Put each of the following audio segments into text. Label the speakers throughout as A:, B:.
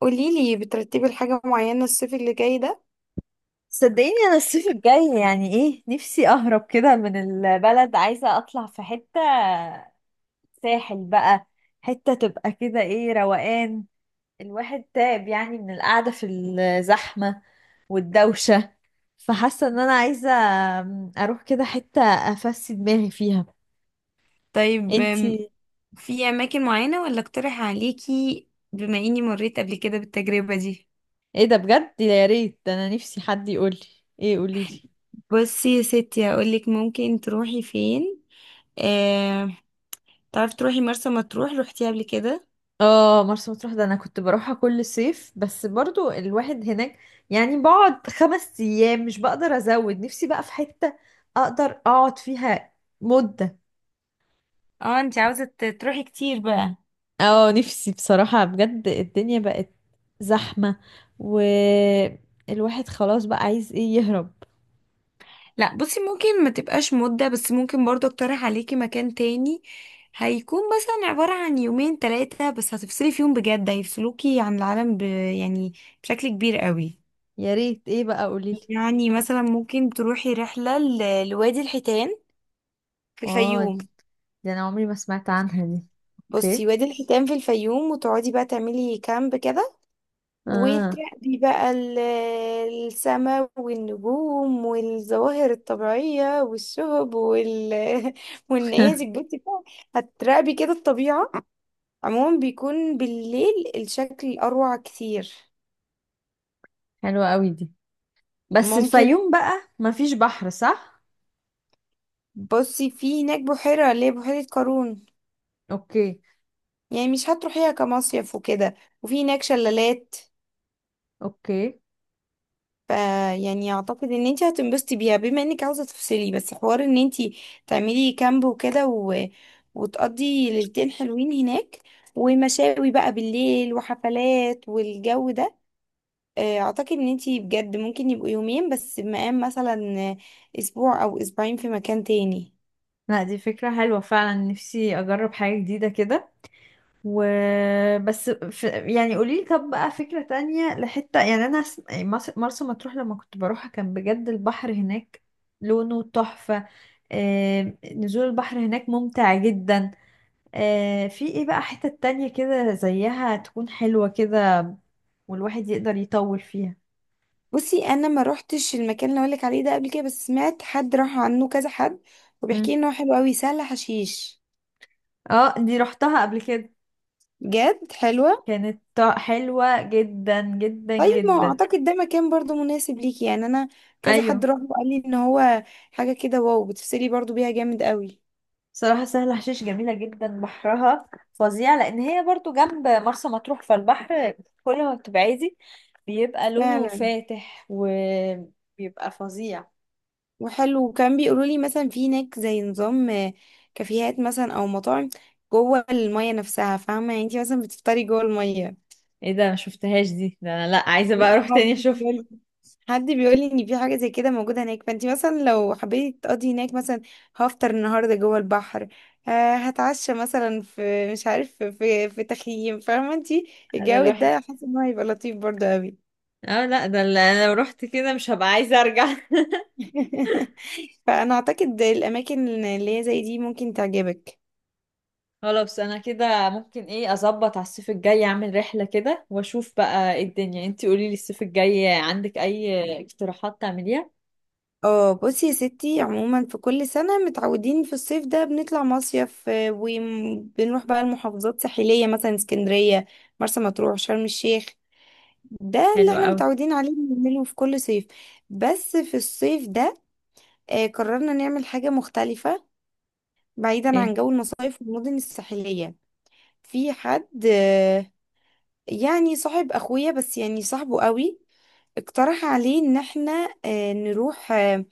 A: قوليلي بترتبي لحاجة معينة الصيف اللي جاي ده؟
B: صدقيني، انا الصيف الجاي يعني ايه. نفسي اهرب كده من البلد، عايزة اطلع في حتة ساحل بقى. حتة تبقى كده ايه، روقان. الواحد تعب يعني من القعدة في الزحمة والدوشة. فحاسة ان انا عايزة اروح كده حتة افسي دماغي فيها.
A: طيب،
B: انتي؟
A: في اماكن معينة ولا اقترح عليكي بما اني مريت قبل كده بالتجربة دي؟
B: ايه ده بجد، يا ريت. ده انا نفسي حد يقولي. ايه، قوليلي.
A: بصي يا ستي، هقولك ممكن تروحي فين. آه... تعرفي تروحي مرسى مطروح؟ روحتيها قبل كده؟
B: اه، مرسى مطروح. ده انا كنت بروحها كل صيف، بس برضو الواحد هناك يعني بقعد 5 ايام. مش بقدر ازود نفسي بقى في حتة اقدر اقعد فيها مدة.
A: اه، انت عاوزة تروحي كتير بقى.
B: اه، نفسي بصراحة بجد. الدنيا بقت زحمة، والواحد خلاص بقى عايز ايه، يهرب.
A: لا بصي، ممكن ما تبقاش مدة، بس ممكن برضو اقترح عليكي مكان تاني. هيكون مثلا عبارة عن يومين ثلاثة بس هتفصلي فيهم بجد، هيفصلوكي عن العالم يعني بشكل كبير قوي.
B: يا ريت، ايه بقى، قوليلي.
A: يعني مثلا ممكن تروحي رحلة لوادي الحيتان في
B: اه،
A: الفيوم.
B: دي انا عمري ما سمعت عنها دي.
A: بصي،
B: اوكي.
A: وادي الحيتان في الفيوم، وتقعدي بقى تعملي كامب كده،
B: اه.
A: وتراقبي بقى السماء والنجوم والظواهر الطبيعية والشهب والنيازك. بصي بقى هتراقبي كده الطبيعة. عموما بيكون بالليل الشكل أروع كتير.
B: حلوة قوي دي. بس
A: ممكن،
B: الفيوم بقى مفيش بحر، صح؟
A: بصي في هناك بحيرة اللي هي بحيرة قارون.
B: اوكي.
A: يعني مش هتروحيها كمصيف وكده، وفي هناك شلالات.
B: اوكي.
A: ف يعني اعتقد ان انت هتنبسطي بيها، بما انك عاوزه تفصلي، بس حوار ان انت تعملي كامب وكده وتقضي ليلتين حلوين هناك، ومشاوي بقى بالليل وحفلات والجو ده. اعتقد ان انت بجد ممكن يبقوا يومين بس، مقام مثلا اسبوع او اسبوعين في مكان تاني.
B: لا، دي فكرة حلوة فعلا، نفسي أجرب حاجة جديدة كده. و يعني قوليلي، طب بقى فكرة تانية لحتة. يعني أنا مرسى مطروح لما كنت بروحها كان بجد البحر هناك لونه تحفة. نزول البحر هناك ممتع جدا. في ايه بقى حتة تانية كده زيها تكون حلوة كده والواحد يقدر يطول فيها.
A: بصي، انا ما روحتش المكان اللي اقولك عليه ده قبل كده، بس سمعت حد راح عنه، كذا حد، وبيحكي
B: مم.
A: لي ان هو حلو قوي، سهل حشيش.
B: اه، دي رحتها قبل كده،
A: جد حلوة.
B: كانت حلوة جدا جدا
A: طيب، ما هو
B: جدا.
A: اعتقد ده مكان برضو مناسب ليكي. يعني انا كذا حد
B: ايوه.
A: راح وقال لي ان هو حاجة كده واو، بتفصلي برضو بيها جامد قوي.
B: صراحة سهل حشيش جميلة جدا، بحرها فظيع، لأن هي برضو جنب مرسى مطروح. فالبحر كل ما بتبعدي بيبقى لونه
A: فعلا،
B: فاتح وبيبقى فظيع.
A: وحلو. وكان بيقولوا لي مثلا في هناك زي نظام كافيهات مثلا او مطاعم جوه المية نفسها، فاهمة يعني انتي مثلا بتفطري جوه المية.
B: ايه ده، ما شفتهاش دي. ده انا لا، عايزه بقى
A: لا،
B: اروح تاني
A: حد
B: اشوف.
A: حد بيقول لي ان في حاجه زي كده موجوده هناك. فانت مثلا لو حبيتي تقضي هناك، مثلا هفطر النهارده جوه البحر، هتعشى مثلا في، مش عارف، في تخييم، فاهمه انت
B: ده
A: الجو
B: الواحد
A: ده. حاسه ان هو هيبقى لطيف برضه قوي.
B: اه، لا، ده اللي انا لو رحت كده مش هبقى عايزه ارجع.
A: فانا اعتقد الاماكن اللي هي زي دي ممكن تعجبك.
B: خلاص، انا كده ممكن ايه، اظبط على الصيف الجاي، اعمل رحله كده واشوف بقى ايه الدنيا. انتي قولي لي، الصيف الجاي عندك اي اقتراحات تعمليها؟
A: اه بصي يا ستي، عموما في كل سنة متعودين في الصيف ده بنطلع مصيف، وبنروح بقى المحافظات الساحلية، مثلا اسكندرية، مرسى مطروح، شرم الشيخ. ده اللي
B: حلوة
A: احنا
B: قوي.
A: متعودين عليه بنعمله في كل صيف. بس في الصيف ده قررنا نعمل حاجة مختلفة بعيدا
B: ايه؟
A: عن جو المصايف والمدن الساحلية. في حد، يعني صاحب اخويا، بس يعني صاحبه قوي، اقترح عليه ان احنا نروح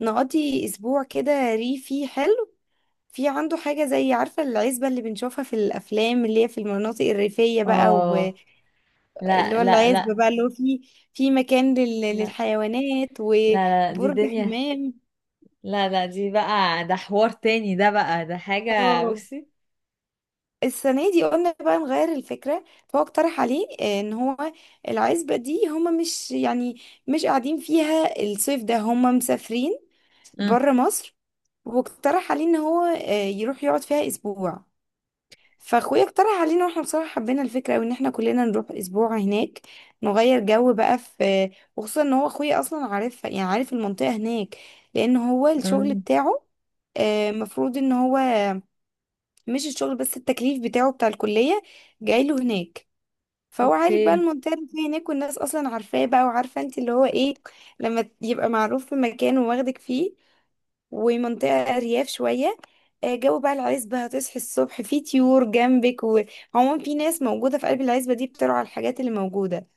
A: نقضي اسبوع كده ريفي حلو. في عنده حاجة زي، عارفة، العزبة اللي بنشوفها في الأفلام، اللي هي في المناطق الريفية بقى.
B: اه. لا،
A: اللي هو
B: لا،
A: العزبة
B: لا،
A: بقى، اللي هو فيه في مكان
B: لا،
A: للحيوانات
B: لا، لا. دي
A: وبرج
B: دنيا.
A: حمام.
B: لا، لا، دي بقى، ده حوار تاني، ده بقى ده حاجة.
A: اه،
B: بصي.
A: السنة دي قلنا بقى نغير الفكرة. فهو اقترح عليه ان هو العزبة دي هما، مش يعني، مش قاعدين فيها الصيف ده، هما مسافرين
B: اه،
A: بره مصر. واقترح عليه ان هو يروح يقعد فيها اسبوع. فاخويا اقترح علينا، واحنا بصراحه حبينا الفكره قوي، ان احنا كلنا نروح اسبوع هناك نغير جو بقى. في، وخصوصا ان هو اخويا اصلا عارف، يعني عارف المنطقه هناك، لان هو الشغل
B: اه.
A: بتاعه، مفروض ان هو، مش الشغل بس، التكليف بتاعه بتاع الكليه جاي له هناك. فهو عارف بقى
B: اوكي.
A: المنطقه اللي فيها هناك، والناس اصلا عارفاه بقى، وعارفه انت اللي هو ايه لما يبقى معروف في مكان وواخدك فيه. ومنطقة أرياف شوية، جو بقى العزبة، هتصحي الصبح في طيور جنبك، وعموما في ناس موجودة في قلب العزبة دي بترعى الحاجات اللي موجودة.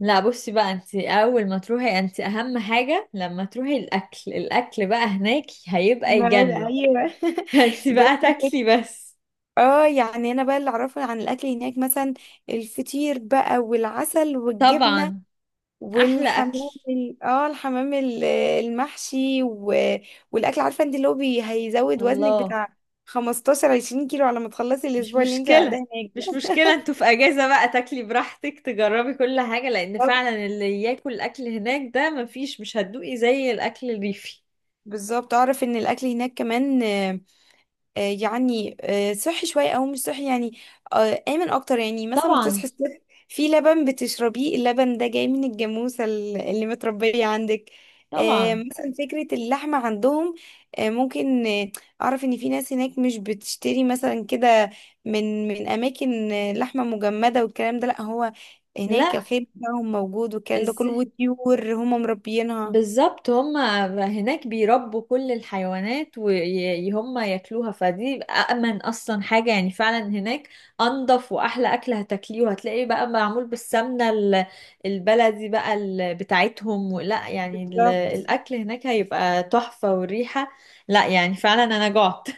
B: لا، بصي بقى. انت اول ما تروحي، انت اهم حاجة لما تروحي الاكل. الاكل بقى هناك هيبقى
A: معقول،
B: يجنن.
A: ايوه.
B: فانت
A: ب...
B: بقى تاكلي بس.
A: اه يعني انا بقى اللي اعرفه عن الاكل هناك مثلا، الفطير بقى والعسل والجبنه،
B: طبعا. احلى اكل.
A: والحمام الحمام المحشي والاكل، عارفه انت اللي هو هيزود وزنك
B: الله.
A: بتاع 15 20 كيلو على ما تخلصي
B: مش
A: الاسبوع اللي انت قاعده
B: مشكلة،
A: هناك.
B: مش مشكلة. انتوا في اجازة بقى، تاكلي براحتك، تجربي كل حاجة. لان
A: ده
B: فعلا اللي ياكل اكل هناك، ده مفيش، مش هتدوقي زي الاكل الريفي.
A: بالظبط، اعرف ان الاكل هناك كمان، يعني صحي شويه، او مش صحي يعني، امن اكتر. يعني مثلا
B: طبعا.
A: بتصحي الصبح في لبن بتشربيه، اللبن ده جاي من الجاموسه اللي متربيه عندك.
B: طبعا.
A: مثلا فكره اللحمه عندهم، ممكن، اعرف ان في ناس هناك مش بتشتري مثلا كده من اماكن لحمه مجمده والكلام ده. لا هو هناك
B: لا،
A: الخير بتاعهم موجود والكلام ده كله،
B: ازاي.
A: وطيور هم مربيينها.
B: بالظبط، هم هناك بيربوا كل الحيوانات وهم ياكلوها. فدي أأمن أصلا حاجة يعني فعلا هناك. أنضف وأحلى أكل هتاكليه، وهتلاقيه بقى معمول بالسمنة البلدي بقى بتاعتهم. لا يعني الأكل هناك هيبقى تحفة. والريحة، لا يعني فعلا أنا جعت.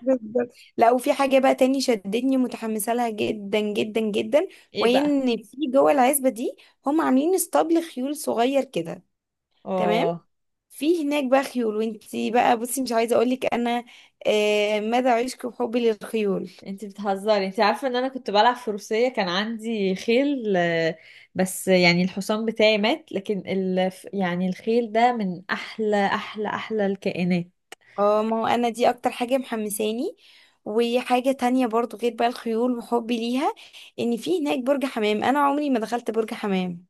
A: بالظبط. لا، وفي حاجة بقى تاني شدتني، متحمسة لها جدا جدا جدا،
B: إيه
A: وهي
B: بقى؟
A: ان في جوه العزبة دي هم عاملين اسطبل خيول صغير كده. تمام،
B: اه،
A: في هناك بقى خيول، وانتي بقى بصي مش عايزة اقولك انا مدى عشقي وحبي للخيول.
B: انت بتهزري؟ انت عارفه ان انا كنت بلعب فروسيه، كان عندي خيل. بس يعني الحصان بتاعي مات، لكن يعني الخيل ده من احلى احلى احلى الكائنات.
A: اه، ما هو انا دي اكتر حاجة محمساني. وحاجة تانية برضو، غير بقى الخيول وحبي ليها، ان في هناك برج حمام، انا عمري ما دخلت برج حمام.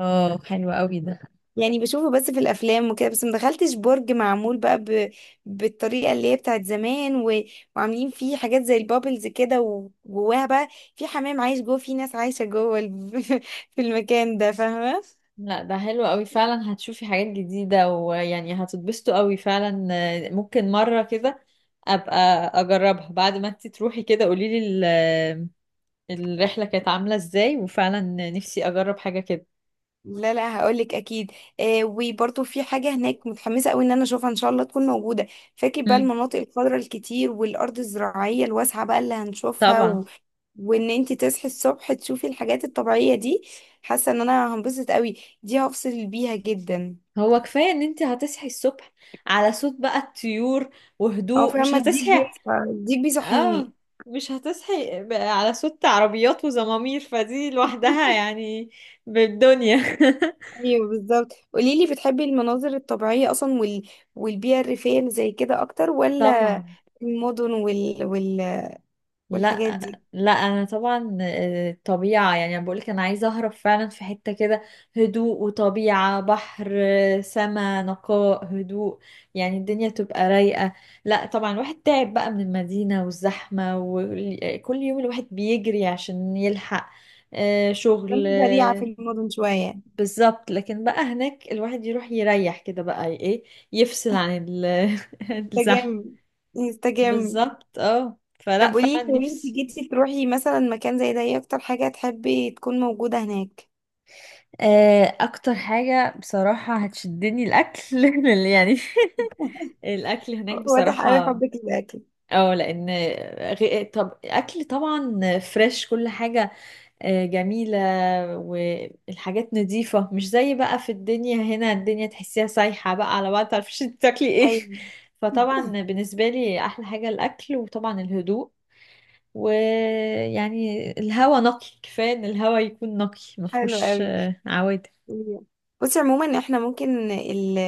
B: اه، حلو قوي ده.
A: يعني بشوفه بس في الافلام وكده، بس ما دخلتش برج معمول بقى بالطريقه اللي هي بتاعت زمان، وعاملين فيه حاجات زي البابلز كده، وجواها بقى في حمام عايش جوه، في ناس عايشه جوه في المكان ده، فاهمه.
B: لا، ده حلو قوي فعلا، هتشوفي حاجات جديده ويعني هتتبسطوا قوي فعلا. ممكن مره كده ابقى اجربها. بعد ما انت تروحي كده قولي لي الرحله كانت عامله ازاي. وفعلا نفسي اجرب حاجه كده.
A: لا لا، هقولك اكيد. وبرضه في حاجه هناك متحمسه قوي ان انا اشوفها، ان شاء الله تكون موجوده. فاكر بقى
B: مم،
A: المناطق الخضراء الكتير والارض الزراعيه الواسعه بقى اللي هنشوفها
B: طبعا.
A: وان انت تصحي الصبح تشوفي الحاجات الطبيعيه دي، حاسه ان انا هنبسط قوي، دي هفصل بيها جدا.
B: هو كفاية ان انت هتصحي الصبح على صوت بقى الطيور
A: اه
B: وهدوء، مش
A: فاهمه،
B: هتصحي؟
A: الديك
B: اه،
A: بيصحيني.
B: مش هتصحي على صوت عربيات وزمامير. فدي لوحدها يعني بالدنيا.
A: ايوه بالظبط. قوليلي، بتحبي المناظر الطبيعيه اصلا والبيئه الريفيه اللي زي كده اكتر، ولا
B: طبعا.
A: المدن
B: لا،
A: والحاجات دي؟
B: لا، انا طبعا طبيعة. يعني انا بقولك انا عايزة اهرب فعلا في حتة كده، هدوء وطبيعة، بحر سما، نقاء، هدوء. يعني الدنيا تبقى رايقة. لا طبعا، الواحد تعب بقى من المدينة والزحمة، وكل يوم الواحد بيجري عشان يلحق شغل.
A: كنت بديعة في المدن شوية.
B: بالظبط. لكن بقى هناك الواحد يروح يريح كده بقى ايه، يفصل عن الزحمة.
A: انسجام، انسجام.
B: بالظبط، اه، فلا
A: طب قولي
B: فعلا
A: لي، لو انت
B: نفسي.
A: جيتي تروحي مثلا مكان زي ده، ايه اكتر حاجة تحبي تكون موجودة هناك؟
B: اكتر حاجة بصراحة هتشدني الاكل. لأن يعني الاكل هناك
A: واضح قوي
B: بصراحة.
A: حبك للأكل.
B: اه، لان طب اكل طبعا فريش كل حاجة. جميلة. والحاجات نظيفة مش زي بقى في الدنيا هنا، الدنيا تحسيها سايحة بقى على بعض، متعرفيش انت تاكلي ايه.
A: ايوه.
B: فطبعا بالنسبة لي احلى حاجة الاكل، وطبعا الهدوء. ويعني الهوا نقي، كفاية ان الهوا يكون نقي
A: حلو
B: مفهوش
A: قوي.
B: عوادم.
A: بصي عموما، احنا ممكن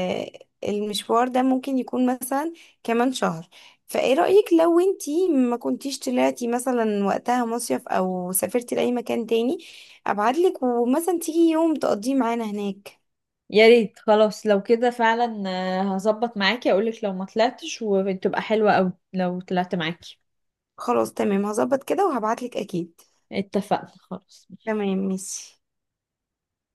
A: المشوار ده ممكن يكون مثلا كمان شهر، فايه رأيك لو انتي ما كنتيش طلعتي مثلا وقتها مصيف او سافرتي لأي مكان تاني، ابعتلك ومثلا تيجي يوم تقضيه معانا هناك.
B: يا ريت. خلاص، لو كده فعلا هظبط معاكي. اقولك لو ما طلعتش وتبقى حلوة اوي لو طلعت معاكي.
A: خلاص تمام، هظبط كده وهبعتلك اكيد.
B: اتفقنا خلاص.
A: تمام ماشي.